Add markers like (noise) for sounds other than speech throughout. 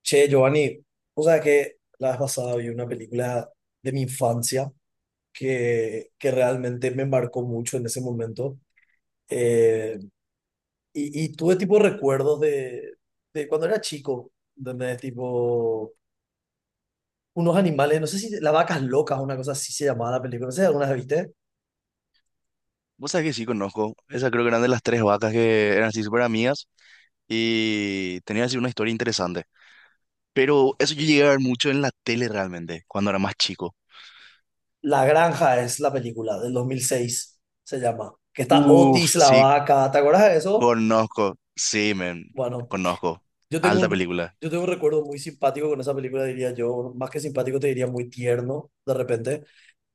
Che, Giovanni, o sea que la vez pasada vi una película de mi infancia que realmente me marcó mucho en ese momento. Eh, y tuve tipo recuerdos de cuando era chico, donde tipo unos animales, no sé si La Vacas Locas o una cosa así se llamaba la película, no sé si alguna vez viste. Vos sabés que sí conozco. Esa creo que eran de las tres vacas que eran así súper amigas y tenían así una historia interesante. Pero eso yo llegué a ver mucho en la tele realmente, cuando era más chico. La Granja es la película del 2006 se llama. Que está Otis Uf, la sí, vaca, ¿te acuerdas de eso? conozco. Sí, men, Bueno, conozco. Yo tengo Alta un, película. yo tengo un recuerdo muy simpático con esa película, diría yo, más que simpático, te diría muy tierno, de repente.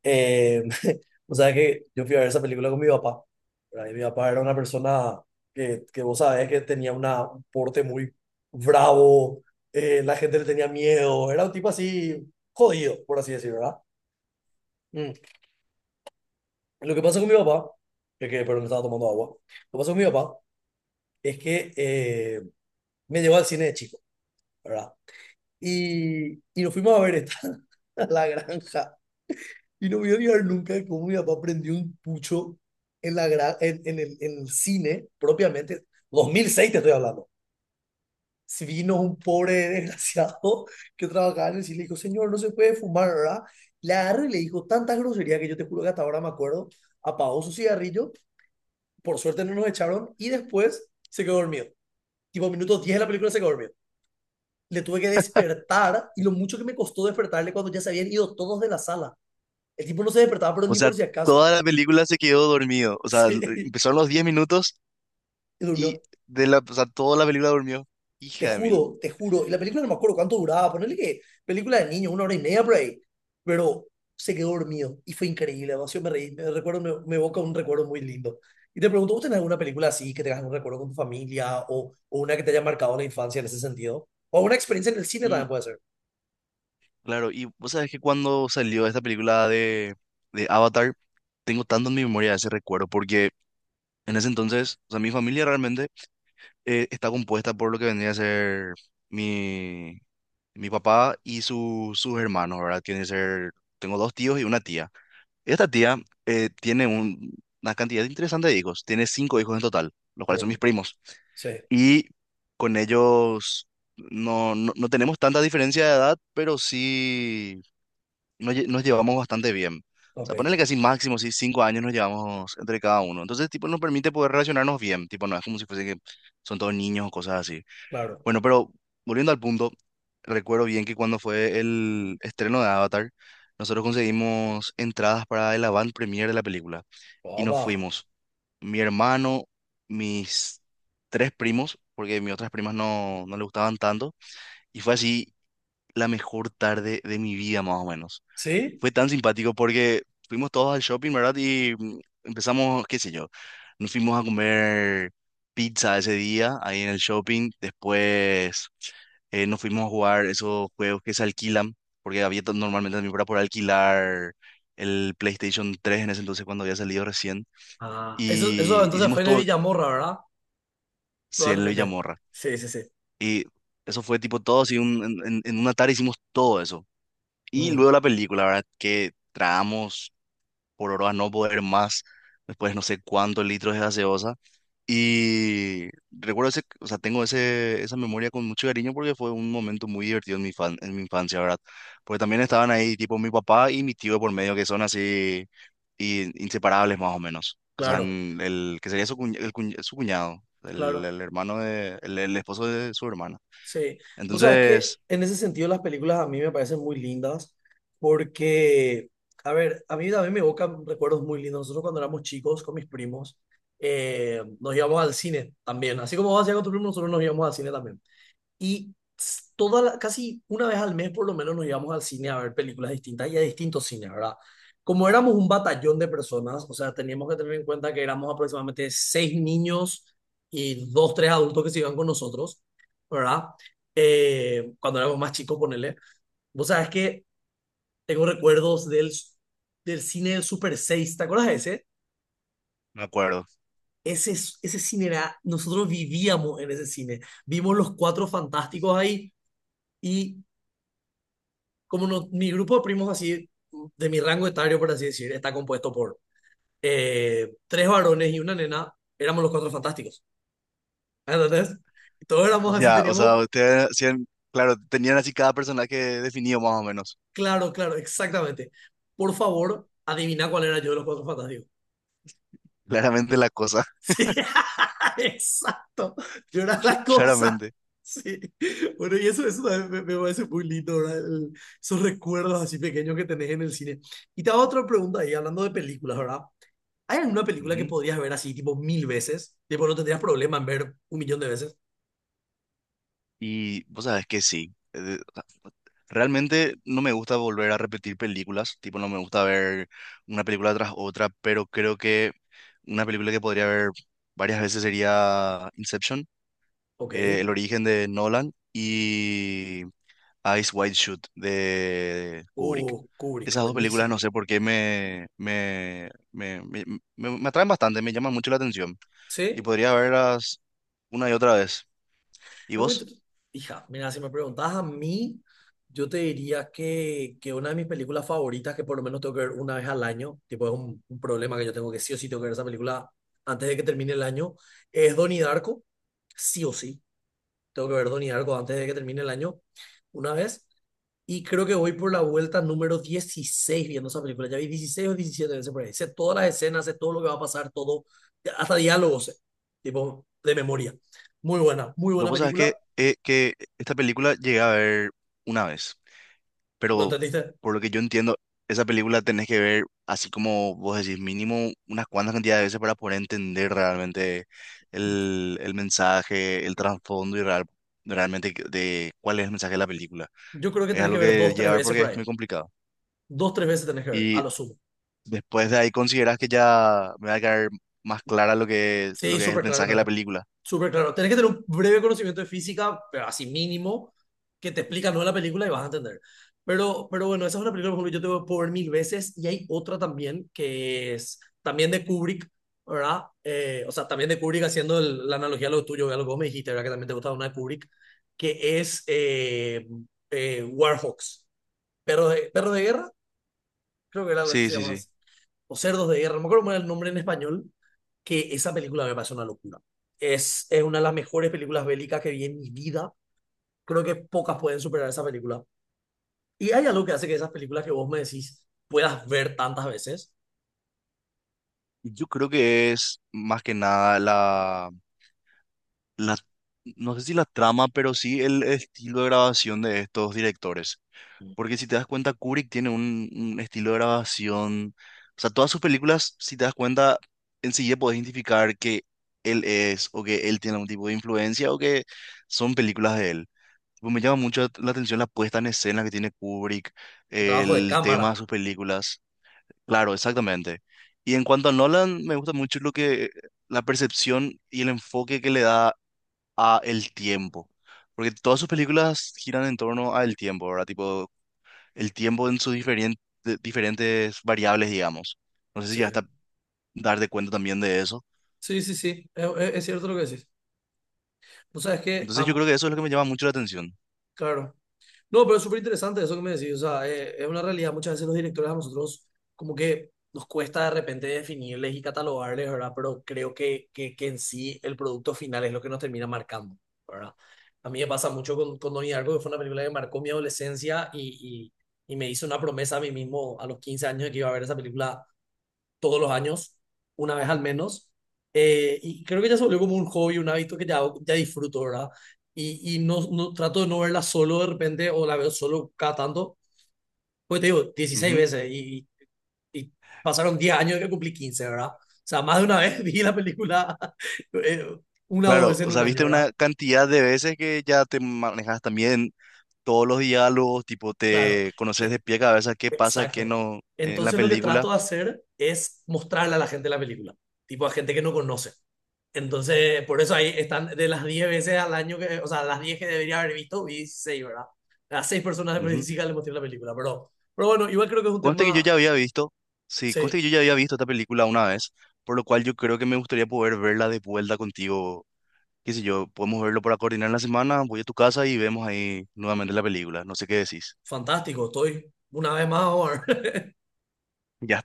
Eh, (laughs) o sea que yo fui a ver esa película con mi papá, ¿verdad? Y mi papá era una persona que vos sabés que tenía un porte muy bravo, la gente le tenía miedo, era un tipo así jodido, por así decirlo, ¿verdad? Mm. Lo que pasa con mi papá, que perdón, estaba tomando agua, lo que pasa con mi papá es que me llevó al cine de chico, ¿verdad? Y nos fuimos a ver esta. (laughs) a la granja. Y no voy a olvidar nunca de cómo mi papá prendió un pucho en, la gra- en el cine, propiamente. 2006 te estoy hablando. Si vino un pobre (laughs) desgraciado que trabajaba en el cine y le dijo, señor, no se puede fumar, ¿verdad? Le agarró y le dijo tantas groserías que yo te juro que hasta ahora me acuerdo. Apagó su cigarrillo, por suerte no nos echaron y después se quedó dormido. Tipo, minutos 10 de la película se quedó dormido. Le tuve que despertar y lo mucho que me costó despertarle cuando ya se habían ido todos de la sala. El tipo no se despertaba, pero O ni sea, por si acaso. toda la película se quedó dormido. (laughs) O sea, Sí, empezaron los 10 minutos y y durmió. de o sea, toda la película durmió. Te Hija de mil. juro, te juro. Y la película no me acuerdo cuánto duraba. Ponerle que película de niño, una hora y media por ahí. Pero se quedó dormido y fue increíble. Demasiado me reí. Me evoca un recuerdo muy lindo. Y te pregunto, ¿vos tenés alguna película así que tengas un recuerdo con tu familia o una que te haya marcado la infancia en ese sentido? O una experiencia en el cine también puede ser. Claro, y vos sabés que cuando salió esta película de Avatar, tengo tanto en mi memoria ese recuerdo, porque en ese entonces, o sea, mi familia realmente está compuesta por lo que vendría a ser mi, mi papá y sus hermanos, ¿verdad? Tiene que ser, tengo 2 tíos y una tía. Esta tía tiene una cantidad interesante de hijos, tiene 5 hijos en total, los cuales son mis Um, primos. sí, Y con ellos no tenemos tanta diferencia de edad, pero sí nos llevamos bastante bien. O ok, sea, ponerle que así máximo, sí, 5 años nos llevamos entre cada uno. Entonces, tipo, nos permite poder relacionarnos bien. Tipo, no es como si fuese que son todos niños o cosas así. claro. Bueno, pero volviendo al punto, recuerdo bien que cuando fue el estreno de Avatar, nosotros conseguimos entradas para el avant premiere de la película. Y nos Papá. fuimos. Mi hermano, mis tres primos, porque mis otras primas no le gustaban tanto. Y fue así la mejor tarde de mi vida, más o menos. ¿Sí? Fue tan simpático porque fuimos todos al shopping, ¿verdad? Y empezamos, qué sé yo, nos fuimos a comer pizza ese día ahí en el shopping. Después nos fuimos a jugar esos juegos que se alquilan, porque había normalmente también para por alquilar el PlayStation 3 en ese entonces cuando había salido recién. Ah, eso Y entonces fue hicimos en el todo Villamorra, ¿verdad? sí, en el Probablemente. Villamorra. Sí, sí, sí. Y eso fue tipo todo, así en, en una tarde hicimos todo eso. Y Mm, luego la película, ¿verdad? Que tragamos por hora a no poder más, después no sé cuántos litros de gaseosa. Y recuerdo ese, o sea, tengo ese, esa memoria con mucho cariño porque fue un momento muy divertido en en mi infancia, ¿verdad? Porque también estaban ahí tipo mi papá y mi tío por medio, que son así inseparables más o menos. O sea, claro, en el que sería su cuñado, claro. el hermano de el esposo de su hermana. Sí, vos sabes que Entonces, en ese sentido las películas a mí me parecen muy lindas porque, a ver, a mí también me evocan recuerdos muy lindos. Nosotros cuando éramos chicos con mis primos nos íbamos al cine también. Así como vos hacías con tus primos, nosotros nos íbamos al cine también. Y casi una vez al mes por lo menos nos íbamos al cine a ver películas distintas y a distintos cines, ¿verdad? Como éramos un batallón de personas, o sea, teníamos que tener en cuenta que éramos aproximadamente seis niños y dos, tres adultos que se iban con nosotros, ¿verdad? Cuando éramos más chicos, ponele. Vos sabés que tengo recuerdos del cine del Super seis, ¿te acuerdas de ese? me acuerdo. Ese, ese cine era, nosotros vivíamos en ese cine. Vimos los cuatro fantásticos ahí y como no- mi grupo de primos así, de mi rango etario, por así decir, está compuesto por tres varones y una nena, éramos los cuatro fantásticos. ¿Entendés? Y todos éramos así, Ya, o sea, teníamos, ustedes hacían, claro, tenían así cada personaje definido más o menos. claro, claro, exactamente. Por favor, adivina cuál era yo de los cuatro fantásticos. (laughs) (laughs) Claramente la cosa. Sí, (laughs) exacto. Yo era (laughs) la cosa. Claramente. Sí. Bueno, y eso también me parece muy lindo, ¿verdad? Esos recuerdos así pequeños que tenés en el cine. Y te hago otra pregunta ahí, hablando de películas, ¿verdad? ¿Hay alguna película que Ujú. podrías ver así, tipo, 1000 veces? Tipo, no tendrías problema en ver un millón de veces. Y vos sabes que sí. Realmente no me gusta volver a repetir películas, tipo no me gusta ver una película tras otra, pero creo que una película que podría ver varias veces sería Inception, Ok. El origen de Nolan y Eyes Wide Shut de Kubrick. Kubrick, Esas dos películas buenísimo. no sé por qué me atraen bastante, me llaman mucho la atención y ¿Sí? podría verlas una y otra vez. ¿Y Es muy vos? inter- Hija, mira, si me preguntas a mí, yo te diría que una de mis películas favoritas, que por lo menos tengo que ver una vez al año, tipo, es un problema que yo tengo que sí o sí tengo que ver esa película antes de que termine el año, es Donnie Darko, sí o sí. Tengo que ver Donnie Darko antes de que termine el año, una vez. Y creo que voy por la vuelta número 16 viendo esa película. Ya vi 16 o 17 veces por ahí. Sé todas las escenas, sé todo lo que va a pasar, todo, hasta diálogos, sé, tipo, de memoria. Muy Yo buena vos sabés película. Que esta película llegué a ver una vez, ¿No pero entendiste? por lo que yo entiendo, esa película tenés que ver, así como vos decís, mínimo unas cuantas cantidades de veces para poder entender realmente el mensaje, el trasfondo y realmente de cuál es el mensaje de la película. Yo creo que Es tenés que algo ver que dos, llegué a tres ver veces porque por es ahí. muy complicado. Dos, tres veces tenés que ver, a Y lo sumo. después de ahí considerás que ya me va a quedar más clara lo lo Sí, que es el súper claro, mensaje de la tengo película. Súper claro. Tenés que tener un breve conocimiento de física, pero así mínimo, que te explica no la película y vas a entender. Pero bueno, esa es una película, por ejemplo, yo te voy a poner 1000 veces y hay otra también que es también de Kubrick, ¿verdad? O sea, también de Kubrick haciendo la analogía a lo tuyo, a lo que vos me dijiste, ¿verdad? Que también te gustaba una de Kubrick, que es Warhawks, perro de guerra, creo que era así Sí, se sí, llama sí. o Cerdos de Guerra, no me acuerdo cómo era el nombre en español, que esa película me parece una locura. Es una de las mejores películas bélicas que vi en mi vida. Creo que pocas pueden superar esa película. Y hay algo que hace que esas películas que vos me decís puedas ver tantas veces, Yo creo que es más que nada la, no sé si la trama, pero sí el estilo de grabación de estos directores. Porque si te das cuenta, Kubrick tiene un estilo de grabación. O sea, todas sus películas, si te das cuenta, enseguida podés identificar que él es, o que él tiene algún tipo de influencia, o que son películas de él. Tipo, me llama mucho la atención la puesta en escena que tiene Kubrick, un trabajo de el tema de cámara. sus películas. Claro, exactamente. Y en cuanto a Nolan, me gusta mucho lo que la percepción y el enfoque que le da a el tiempo. Porque todas sus películas giran en torno al tiempo, ¿verdad? Tipo, el tiempo en sus diferentes variables, digamos. No sé si Sí, ya está darte cuenta también de eso. sí, sí, sí. Es cierto lo que decís. Vos sabés que, Entonces yo creo que eso es lo que me llama mucho la atención. claro, no, pero es súper interesante eso que me decís. O sea, es una realidad. Muchas veces los directores a nosotros como que nos cuesta de repente definirles y catalogarles, ¿verdad? Pero creo que en sí el producto final es lo que nos termina marcando, ¿verdad? A mí me pasa mucho con Donnie Darko, que fue una película que marcó mi adolescencia y me hizo una promesa a mí mismo a los 15 años de que iba a ver esa película todos los años, una vez al menos. Y creo que ya se volvió como un hobby, un hábito que ya disfruto, ¿verdad? Y no trato de no verla solo de repente o la veo solo cada tanto. Pues te digo, dieciséis Ujú. veces y pasaron 10 años de que cumplí 15, ¿verdad? O sea, más de una vez (laughs) vi la película (laughs) eh, una o dos Claro, veces o en un sea, año, viste ¿verdad? una cantidad de veces que ya te manejas también todos los diálogos, tipo, Claro. te conoces Eh, de pie a cabeza qué pasa, qué Exacto. no en la Entonces lo que película. trato de hacer es mostrarle a la gente la película, tipo a gente que no conoce. Entonces, por eso ahí están de las 10 veces al año que, o sea, las 10 que debería haber visto, vi 6, ¿verdad? A 6 personas de Previsica le mostré la película, pero bueno, igual creo que es un Conste que yo tema, ya había visto, sí, conste sí, que yo ya había visto esta película una vez, por lo cual yo creo que me gustaría poder verla de vuelta contigo. Qué sé yo, podemos verlo para coordinar la semana, voy a tu casa y vemos ahí nuevamente la película. No sé qué decís. fantástico, estoy una vez más, Omar. Ya